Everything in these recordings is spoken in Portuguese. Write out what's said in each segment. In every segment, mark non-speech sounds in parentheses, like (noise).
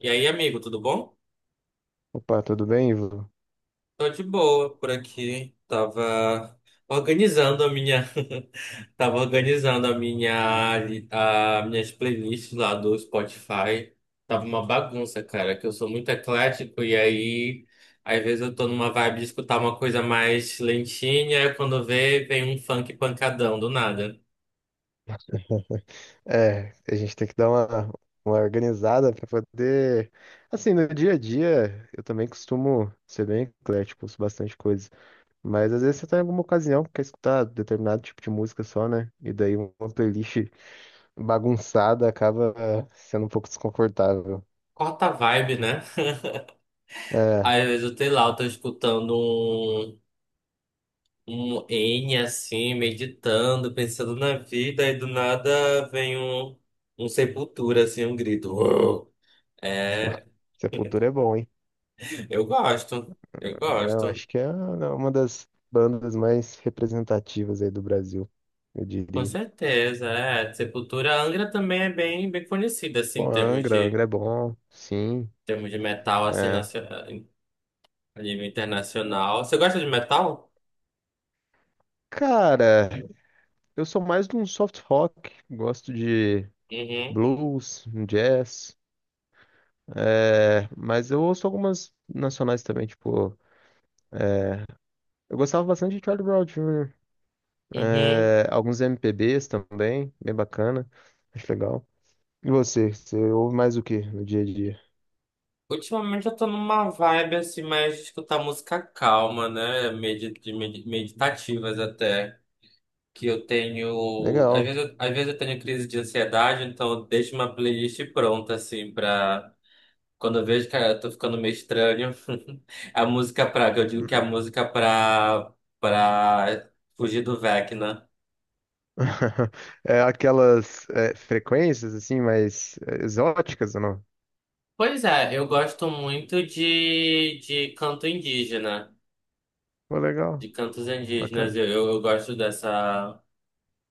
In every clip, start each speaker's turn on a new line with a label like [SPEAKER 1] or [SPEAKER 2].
[SPEAKER 1] E aí, amigo, tudo bom?
[SPEAKER 2] Opa, tudo bem, Ivo?
[SPEAKER 1] Tô de boa por aqui. Tava organizando a minha, (laughs) tava organizando a minha, a minhas playlists lá do Spotify. Tava uma bagunça, cara, que eu sou muito eclético e aí às vezes eu tô numa vibe de escutar uma coisa mais lentinha, e quando vê, vem um funk pancadão do nada.
[SPEAKER 2] É, a gente tem que dar uma organizada para poder. Assim, no dia a dia, eu também costumo ser bem eclético, ouço bastante coisa. Mas às vezes você tá em alguma ocasião que quer escutar determinado tipo de música só, né? E daí uma playlist bagunçada acaba sendo um pouco desconfortável.
[SPEAKER 1] Corta a vibe, né?
[SPEAKER 2] É,
[SPEAKER 1] Às vezes eu sei lá, eu tô escutando um N assim, meditando, pensando na vida, e do nada vem um, um sepultura, assim, um grito. (laughs) Uou!
[SPEAKER 2] (laughs) pô,
[SPEAKER 1] É,
[SPEAKER 2] Sepultura é bom, hein?
[SPEAKER 1] eu gosto, eu
[SPEAKER 2] É, eu
[SPEAKER 1] gosto.
[SPEAKER 2] acho que é uma das bandas mais representativas aí do Brasil, eu
[SPEAKER 1] Com
[SPEAKER 2] diria.
[SPEAKER 1] certeza, é. Sepultura, a Angra também é bem, bem conhecida, assim,
[SPEAKER 2] Pô, Angra, Angra
[SPEAKER 1] em
[SPEAKER 2] é bom, sim.
[SPEAKER 1] termos de metal, assim,
[SPEAKER 2] É.
[SPEAKER 1] a nível internacional. Você gosta de metal?
[SPEAKER 2] Cara, eu sou mais de um soft rock, gosto de
[SPEAKER 1] Uhum.
[SPEAKER 2] blues, um jazz, mas eu ouço algumas nacionais também, tipo, é, eu gostava bastante de Charlie Brown Jr.,
[SPEAKER 1] Uhum.
[SPEAKER 2] alguns MPBs também, bem bacana, acho legal. E você ouve mais o que no dia a dia?
[SPEAKER 1] Ultimamente eu tô numa vibe assim, mais de escutar música calma, né? Meditativas até. Que eu tenho. Às
[SPEAKER 2] Legal.
[SPEAKER 1] vezes, às vezes eu tenho crise de ansiedade, então eu deixo uma playlist pronta, assim, pra. Quando eu vejo que eu tô ficando meio estranho, (laughs) a música pra. Eu digo que é a
[SPEAKER 2] (laughs)
[SPEAKER 1] música pra. Pra fugir do Vecna.
[SPEAKER 2] É, aquelas frequências assim, mais exóticas ou não?
[SPEAKER 1] Pois é, eu gosto muito de canto indígena,
[SPEAKER 2] Pô, legal,
[SPEAKER 1] de cantos indígenas.
[SPEAKER 2] bacana,
[SPEAKER 1] Eu gosto dessa.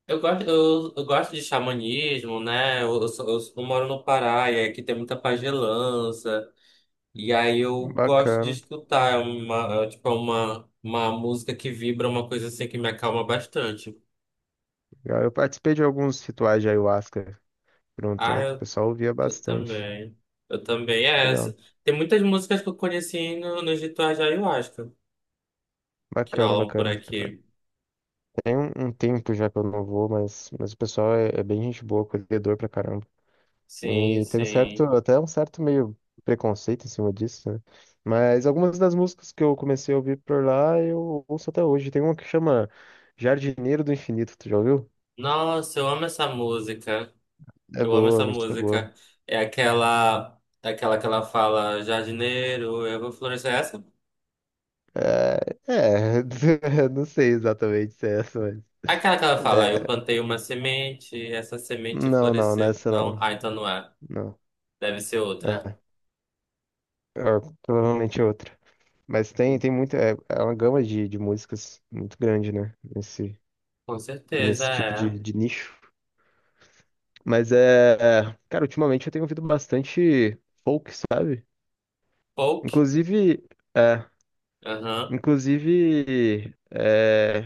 [SPEAKER 1] Eu gosto, eu gosto de xamanismo, né? Eu moro no Pará e aqui tem muita pagelança. E aí eu gosto de
[SPEAKER 2] bacana.
[SPEAKER 1] escutar, é uma, é, tipo, é uma música que vibra, uma coisa assim que me acalma bastante.
[SPEAKER 2] Legal. Eu participei de alguns rituais de ayahuasca por um
[SPEAKER 1] Ah,
[SPEAKER 2] tempo, o pessoal ouvia
[SPEAKER 1] eu
[SPEAKER 2] bastante.
[SPEAKER 1] também. Eu também, é essa.
[SPEAKER 2] Legal.
[SPEAKER 1] Tem muitas músicas que eu conheci no, nos rituais de Ayahuasca, que
[SPEAKER 2] Bacana,
[SPEAKER 1] rolam por
[SPEAKER 2] bacana.
[SPEAKER 1] aqui.
[SPEAKER 2] Tem um, um tempo já que eu não vou, mas o pessoal é, é bem gente boa, acolhedor pra caramba.
[SPEAKER 1] Sim,
[SPEAKER 2] E tem um certo,
[SPEAKER 1] sim.
[SPEAKER 2] até um certo meio preconceito em cima disso, né? Mas algumas das músicas que eu comecei a ouvir por lá, eu ouço até hoje. Tem uma que chama Jardineiro do Infinito, tu já ouviu?
[SPEAKER 1] Nossa, eu amo essa música.
[SPEAKER 2] É
[SPEAKER 1] Eu amo
[SPEAKER 2] boa, a
[SPEAKER 1] essa
[SPEAKER 2] música é boa.
[SPEAKER 1] música. É aquela que ela fala, jardineiro, eu vou florescer. É essa?
[SPEAKER 2] É, (laughs) não sei exatamente se é essa, mas,
[SPEAKER 1] Aquela que ela fala, eu plantei uma semente, essa semente
[SPEAKER 2] não, não,
[SPEAKER 1] floresceu.
[SPEAKER 2] nessa
[SPEAKER 1] Não,
[SPEAKER 2] não.
[SPEAKER 1] ah, então não é.
[SPEAKER 2] Não.
[SPEAKER 1] Deve ser outra.
[SPEAKER 2] É, é, provavelmente é outra. Mas tem, tem muita. É, é uma gama de músicas muito grande, né? Nesse,
[SPEAKER 1] Com certeza
[SPEAKER 2] nesse tipo
[SPEAKER 1] é.
[SPEAKER 2] de nicho. Mas cara, ultimamente eu tenho ouvido bastante folk, sabe?
[SPEAKER 1] Folk?
[SPEAKER 2] Inclusive. É,
[SPEAKER 1] Aham.
[SPEAKER 2] inclusive. É,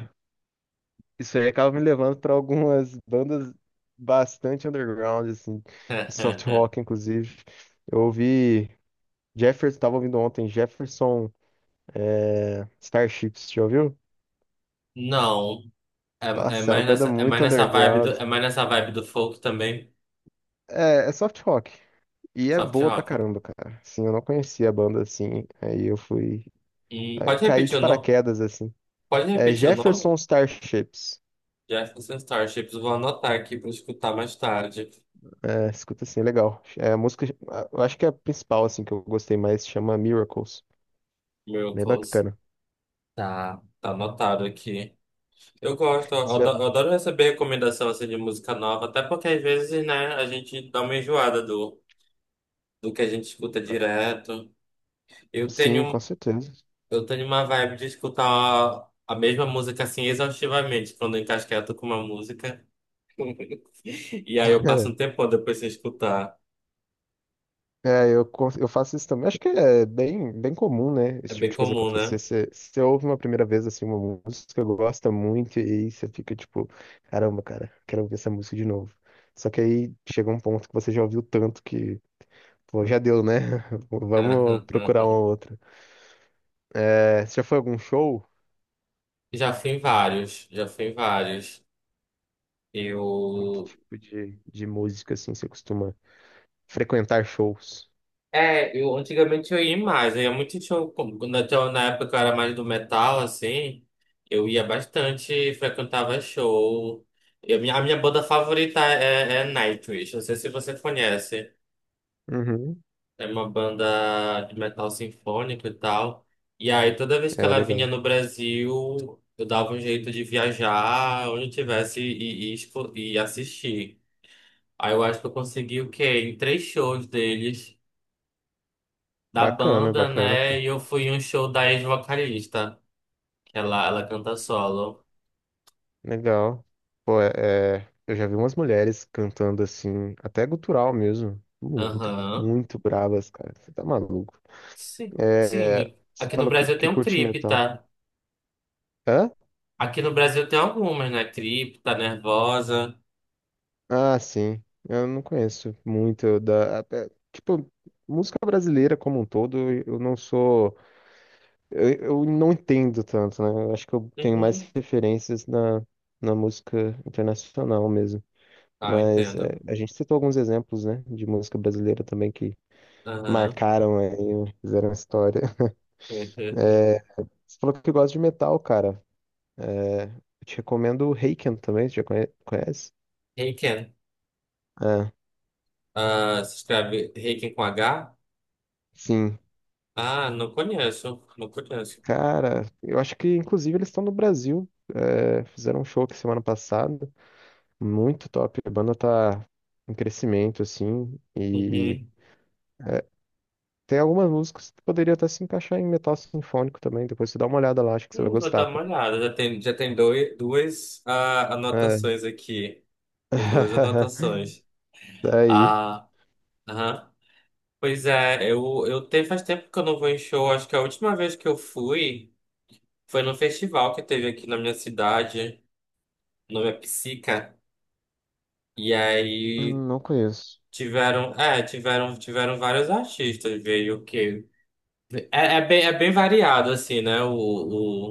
[SPEAKER 2] isso aí acaba me levando para algumas bandas bastante underground, assim. De soft
[SPEAKER 1] (laughs)
[SPEAKER 2] rock, inclusive. Eu ouvi. Jefferson, tava ouvindo ontem, Jefferson. É, Starships, já ouviu?
[SPEAKER 1] Não. É,
[SPEAKER 2] Nossa, é uma banda
[SPEAKER 1] é mais
[SPEAKER 2] muito
[SPEAKER 1] nessa vibe do,
[SPEAKER 2] underground.
[SPEAKER 1] é mais nessa vibe do folk também.
[SPEAKER 2] É, soft rock. E é
[SPEAKER 1] Soft
[SPEAKER 2] boa pra
[SPEAKER 1] rock.
[SPEAKER 2] caramba, cara. Sim, eu não conhecia a banda assim. Aí eu fui. Aí
[SPEAKER 1] Pode
[SPEAKER 2] caí
[SPEAKER 1] repetir
[SPEAKER 2] de
[SPEAKER 1] o nome?
[SPEAKER 2] paraquedas, assim.
[SPEAKER 1] Pode
[SPEAKER 2] É
[SPEAKER 1] repetir o nome?
[SPEAKER 2] Jefferson Starships.
[SPEAKER 1] Jefferson Starships. Vou anotar aqui para escutar mais tarde.
[SPEAKER 2] É, escuta assim, é legal. É a música. Eu acho que é a principal, assim, que eu gostei mais. Chama Miracles. Bem
[SPEAKER 1] Miracles.
[SPEAKER 2] bacana.
[SPEAKER 1] Tá, tá anotado aqui. Eu gosto,
[SPEAKER 2] Você já-
[SPEAKER 1] eu adoro receber recomendação assim de música nova, até porque às vezes, né, a gente dá uma enjoada do, do que a gente escuta direto. Eu
[SPEAKER 2] Sim, com
[SPEAKER 1] tenho,
[SPEAKER 2] certeza.
[SPEAKER 1] eu tenho uma vibe de escutar a mesma música assim exaustivamente, quando eu encasqueto com uma música. (laughs) E aí eu passo um
[SPEAKER 2] (laughs)
[SPEAKER 1] tempão depois sem escutar.
[SPEAKER 2] É, eu, eu faço isso também. Acho que é bem, bem comum, né?
[SPEAKER 1] É
[SPEAKER 2] Esse tipo
[SPEAKER 1] bem
[SPEAKER 2] de coisa
[SPEAKER 1] comum,
[SPEAKER 2] acontecer.
[SPEAKER 1] né?
[SPEAKER 2] Você ouve uma primeira vez assim, uma música que gosta muito, e aí você fica tipo, caramba, cara, quero ouvir essa música de novo. Só que aí chega um ponto que você já ouviu tanto que, pô, já deu, né? (laughs) Vamos procurar uma
[SPEAKER 1] (laughs)
[SPEAKER 2] outra. É, você já foi a algum show?
[SPEAKER 1] Já fui em vários.
[SPEAKER 2] Que
[SPEAKER 1] Eu
[SPEAKER 2] tipo de música assim você costuma frequentar shows?
[SPEAKER 1] é, eu antigamente eu ia mais, eu ia muito show, quando até na época que eu era mais do metal, assim, eu ia bastante, frequentava show. E a minha banda favorita é Nightwish, não sei se você conhece,
[SPEAKER 2] Uhum,
[SPEAKER 1] é uma banda de metal sinfônico e tal. E aí toda vez que
[SPEAKER 2] é
[SPEAKER 1] ela vinha
[SPEAKER 2] legal.
[SPEAKER 1] no Brasil, eu dava um jeito de viajar onde eu tivesse e assistir. Aí eu acho que eu consegui o quê? Em três shows deles. Da
[SPEAKER 2] Bacana,
[SPEAKER 1] banda,
[SPEAKER 2] bacana.
[SPEAKER 1] né? E eu fui em um show da ex-vocalista, que ela canta solo.
[SPEAKER 2] Legal. Pô, eu já vi umas mulheres cantando assim, até gutural mesmo. Muito,
[SPEAKER 1] Aham.
[SPEAKER 2] muito bravas, cara. Você tá maluco.
[SPEAKER 1] Sim,
[SPEAKER 2] É,
[SPEAKER 1] sim.
[SPEAKER 2] você
[SPEAKER 1] Aqui no
[SPEAKER 2] falou
[SPEAKER 1] Brasil tem
[SPEAKER 2] que
[SPEAKER 1] um
[SPEAKER 2] curte metal.
[SPEAKER 1] Cripta.
[SPEAKER 2] Hã?
[SPEAKER 1] Aqui no Brasil tem algumas, né? Cripta, Nervosa.
[SPEAKER 2] Ah, sim. Eu não conheço muito tipo, música brasileira como um todo, eu não sou. Eu não entendo tanto, né? Eu acho que eu tenho mais
[SPEAKER 1] Uhum.
[SPEAKER 2] referências na, na música internacional mesmo.
[SPEAKER 1] Ah,
[SPEAKER 2] Mas
[SPEAKER 1] entendo.
[SPEAKER 2] é, a gente citou alguns exemplos, né, de música brasileira também que
[SPEAKER 1] Aham.
[SPEAKER 2] marcaram aí, fizeram história.
[SPEAKER 1] (laughs)
[SPEAKER 2] É, você falou que gosta de metal, cara. É, eu te recomendo o Raken também, você já conhece?
[SPEAKER 1] Reiken.
[SPEAKER 2] Ah,
[SPEAKER 1] Ah, se escreve Reiken com H?
[SPEAKER 2] sim.
[SPEAKER 1] Ah, não conheço. Não conheço.
[SPEAKER 2] Cara, eu acho que inclusive eles estão no Brasil. É, fizeram um show aqui semana passada. Muito top. A banda tá em crescimento, assim. E
[SPEAKER 1] Uhum.
[SPEAKER 2] é, tem algumas músicas que poderia até se encaixar em metal sinfônico também. Depois você dá uma olhada lá, acho que você vai
[SPEAKER 1] Vou
[SPEAKER 2] gostar,
[SPEAKER 1] dar uma
[SPEAKER 2] cara.
[SPEAKER 1] olhada. Já tem dois, duas ah,
[SPEAKER 2] É.
[SPEAKER 1] anotações aqui. Tem duas
[SPEAKER 2] (laughs)
[SPEAKER 1] anotações. (laughs)
[SPEAKER 2] Daí.
[SPEAKER 1] Aham. Pois é, faz tempo que eu não vou em show. Acho que a última vez que eu fui foi no festival que teve aqui na minha cidade. O nome é Psica. E aí
[SPEAKER 2] Não conheço.
[SPEAKER 1] tiveram vários artistas. Veio o quê? É bem variado, assim, né? O,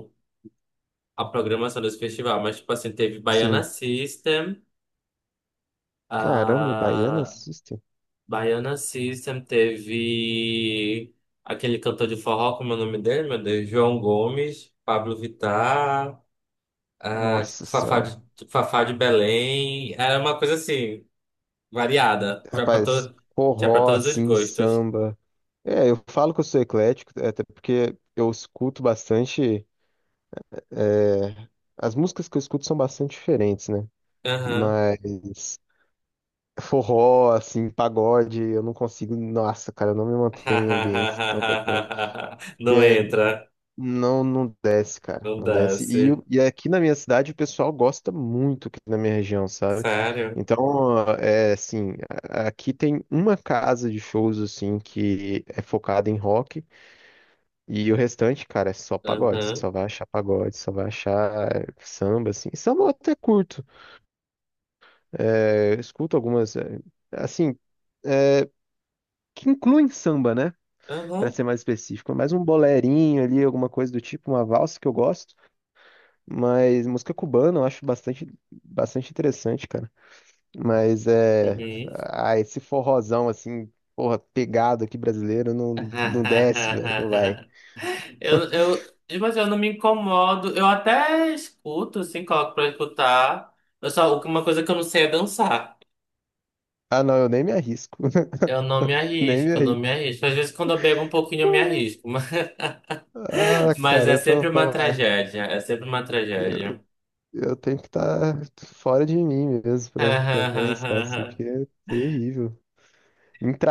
[SPEAKER 1] o, A programação desse festival. Mas, tipo assim, teve Baiana
[SPEAKER 2] Sim.
[SPEAKER 1] System.
[SPEAKER 2] Caramba, Baiana System.
[SPEAKER 1] Baiana System teve aquele cantor de forró, como é o nome dele, meu Deus? João Gomes, Pablo Vittar, ah,
[SPEAKER 2] Nossa
[SPEAKER 1] tipo,
[SPEAKER 2] senhora.
[SPEAKER 1] Fafá de Belém. Era uma coisa assim, variada. Tinha pra,
[SPEAKER 2] Rapaz,
[SPEAKER 1] to... Tinha pra
[SPEAKER 2] forró,
[SPEAKER 1] todos os
[SPEAKER 2] assim,
[SPEAKER 1] gostos.
[SPEAKER 2] samba. É, eu falo que eu sou eclético, até porque eu escuto bastante. é, As músicas que eu escuto são bastante diferentes, né?
[SPEAKER 1] Aham.
[SPEAKER 2] Mas forró, assim, pagode, eu não consigo. Nossa, cara, eu não me mantenho em ambientes que estão tocando.
[SPEAKER 1] (laughs) Não
[SPEAKER 2] Porque
[SPEAKER 1] entra,
[SPEAKER 2] Não, não desce, cara.
[SPEAKER 1] não
[SPEAKER 2] Não desce. E, o-
[SPEAKER 1] desce.
[SPEAKER 2] e aqui na minha cidade o pessoal gosta muito aqui na minha região, sabe?
[SPEAKER 1] Sério?
[SPEAKER 2] Então, é assim, aqui tem uma casa de shows, assim, que é focada em rock. E o restante, cara, é só pagode.
[SPEAKER 1] Aham.
[SPEAKER 2] Só vai achar pagode, só vai achar samba, assim. Samba eu até curto. É, eu escuto algumas, assim, eh, que incluem samba, né? Pra
[SPEAKER 1] Aham.
[SPEAKER 2] ser mais específico. Mais um bolerinho ali, alguma coisa do tipo, uma valsa que eu gosto. Mas música cubana eu acho bastante, bastante interessante, cara. Mas é.
[SPEAKER 1] Uhum.
[SPEAKER 2] Ah, esse forrozão assim, porra, pegado aqui brasileiro,
[SPEAKER 1] (laughs)
[SPEAKER 2] não, não desce, velho, não vai.
[SPEAKER 1] Eu, eu, mas eu não me incomodo. Eu até escuto, assim, coloco pra escutar. Eu só, uma coisa que eu não sei é dançar.
[SPEAKER 2] Ah, não, eu nem me arrisco, (laughs) nem me
[SPEAKER 1] Eu não
[SPEAKER 2] arrisco.
[SPEAKER 1] me arrisco. Às vezes quando eu bebo um pouquinho eu me arrisco. (laughs)
[SPEAKER 2] Ah,
[SPEAKER 1] Mas
[SPEAKER 2] cara,
[SPEAKER 1] é
[SPEAKER 2] eu só vou
[SPEAKER 1] sempre uma
[SPEAKER 2] falar.
[SPEAKER 1] tragédia. É sempre uma
[SPEAKER 2] Eu,
[SPEAKER 1] tragédia.
[SPEAKER 2] eu tenho que estar fora de mim mesmo pra, pra me arriscar, assim,
[SPEAKER 1] (laughs)
[SPEAKER 2] porque é terrível.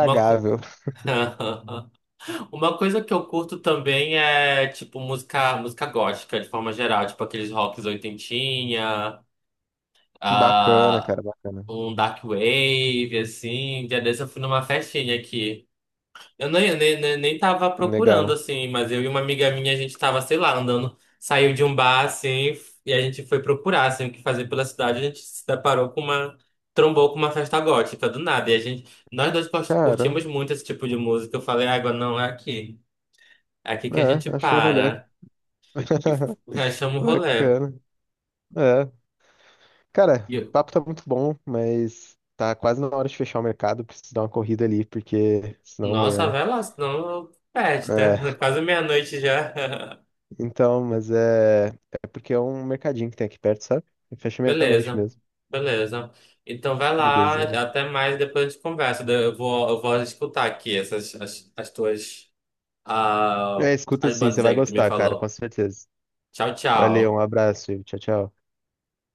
[SPEAKER 1] Uma, co- (laughs) uma coisa que eu curto também é, tipo, música gótica, de forma geral. Tipo, aqueles rocks oitentinha.
[SPEAKER 2] Bacana,
[SPEAKER 1] Ah,
[SPEAKER 2] cara, bacana.
[SPEAKER 1] um dark wave, assim. Um dia desse eu fui numa festinha aqui. Eu nem tava procurando,
[SPEAKER 2] Legal.
[SPEAKER 1] assim, mas eu e uma amiga minha, a gente tava, sei lá, andando, saiu de um bar, assim, e a gente foi procurar, assim, o que fazer pela cidade. A gente se deparou com uma. Trombou com uma festa gótica do nada. E a gente, curtimos
[SPEAKER 2] Caramba,
[SPEAKER 1] muito esse tipo de música. Eu falei, água, não, é aqui. É aqui que a gente
[SPEAKER 2] achou o rolê.
[SPEAKER 1] para. E f-
[SPEAKER 2] (laughs)
[SPEAKER 1] Rachamos o rolê.
[SPEAKER 2] Bacana. É. Cara,
[SPEAKER 1] E
[SPEAKER 2] o
[SPEAKER 1] eu,
[SPEAKER 2] papo tá muito bom, mas tá quase na hora de fechar o mercado. Preciso dar uma corrida ali, porque senão
[SPEAKER 1] nossa,
[SPEAKER 2] amanhã.
[SPEAKER 1] vai lá, senão perde, né? (laughs)
[SPEAKER 2] É,
[SPEAKER 1] Quase meia-noite já. (laughs)
[SPEAKER 2] então, mas é. É porque é um mercadinho que tem aqui perto, sabe? E fecha meia-noite
[SPEAKER 1] Beleza,
[SPEAKER 2] mesmo.
[SPEAKER 1] beleza. Então vai lá,
[SPEAKER 2] Beleza.
[SPEAKER 1] até mais, depois a gente conversa. Eu vou escutar aqui as tuas ah,
[SPEAKER 2] É, escuta
[SPEAKER 1] as
[SPEAKER 2] sim, você
[SPEAKER 1] bandas
[SPEAKER 2] vai
[SPEAKER 1] aí que tu me
[SPEAKER 2] gostar, cara, com
[SPEAKER 1] falou.
[SPEAKER 2] certeza.
[SPEAKER 1] Tchau,
[SPEAKER 2] Valeu, um
[SPEAKER 1] tchau.
[SPEAKER 2] abraço, Ivo. Tchau, tchau.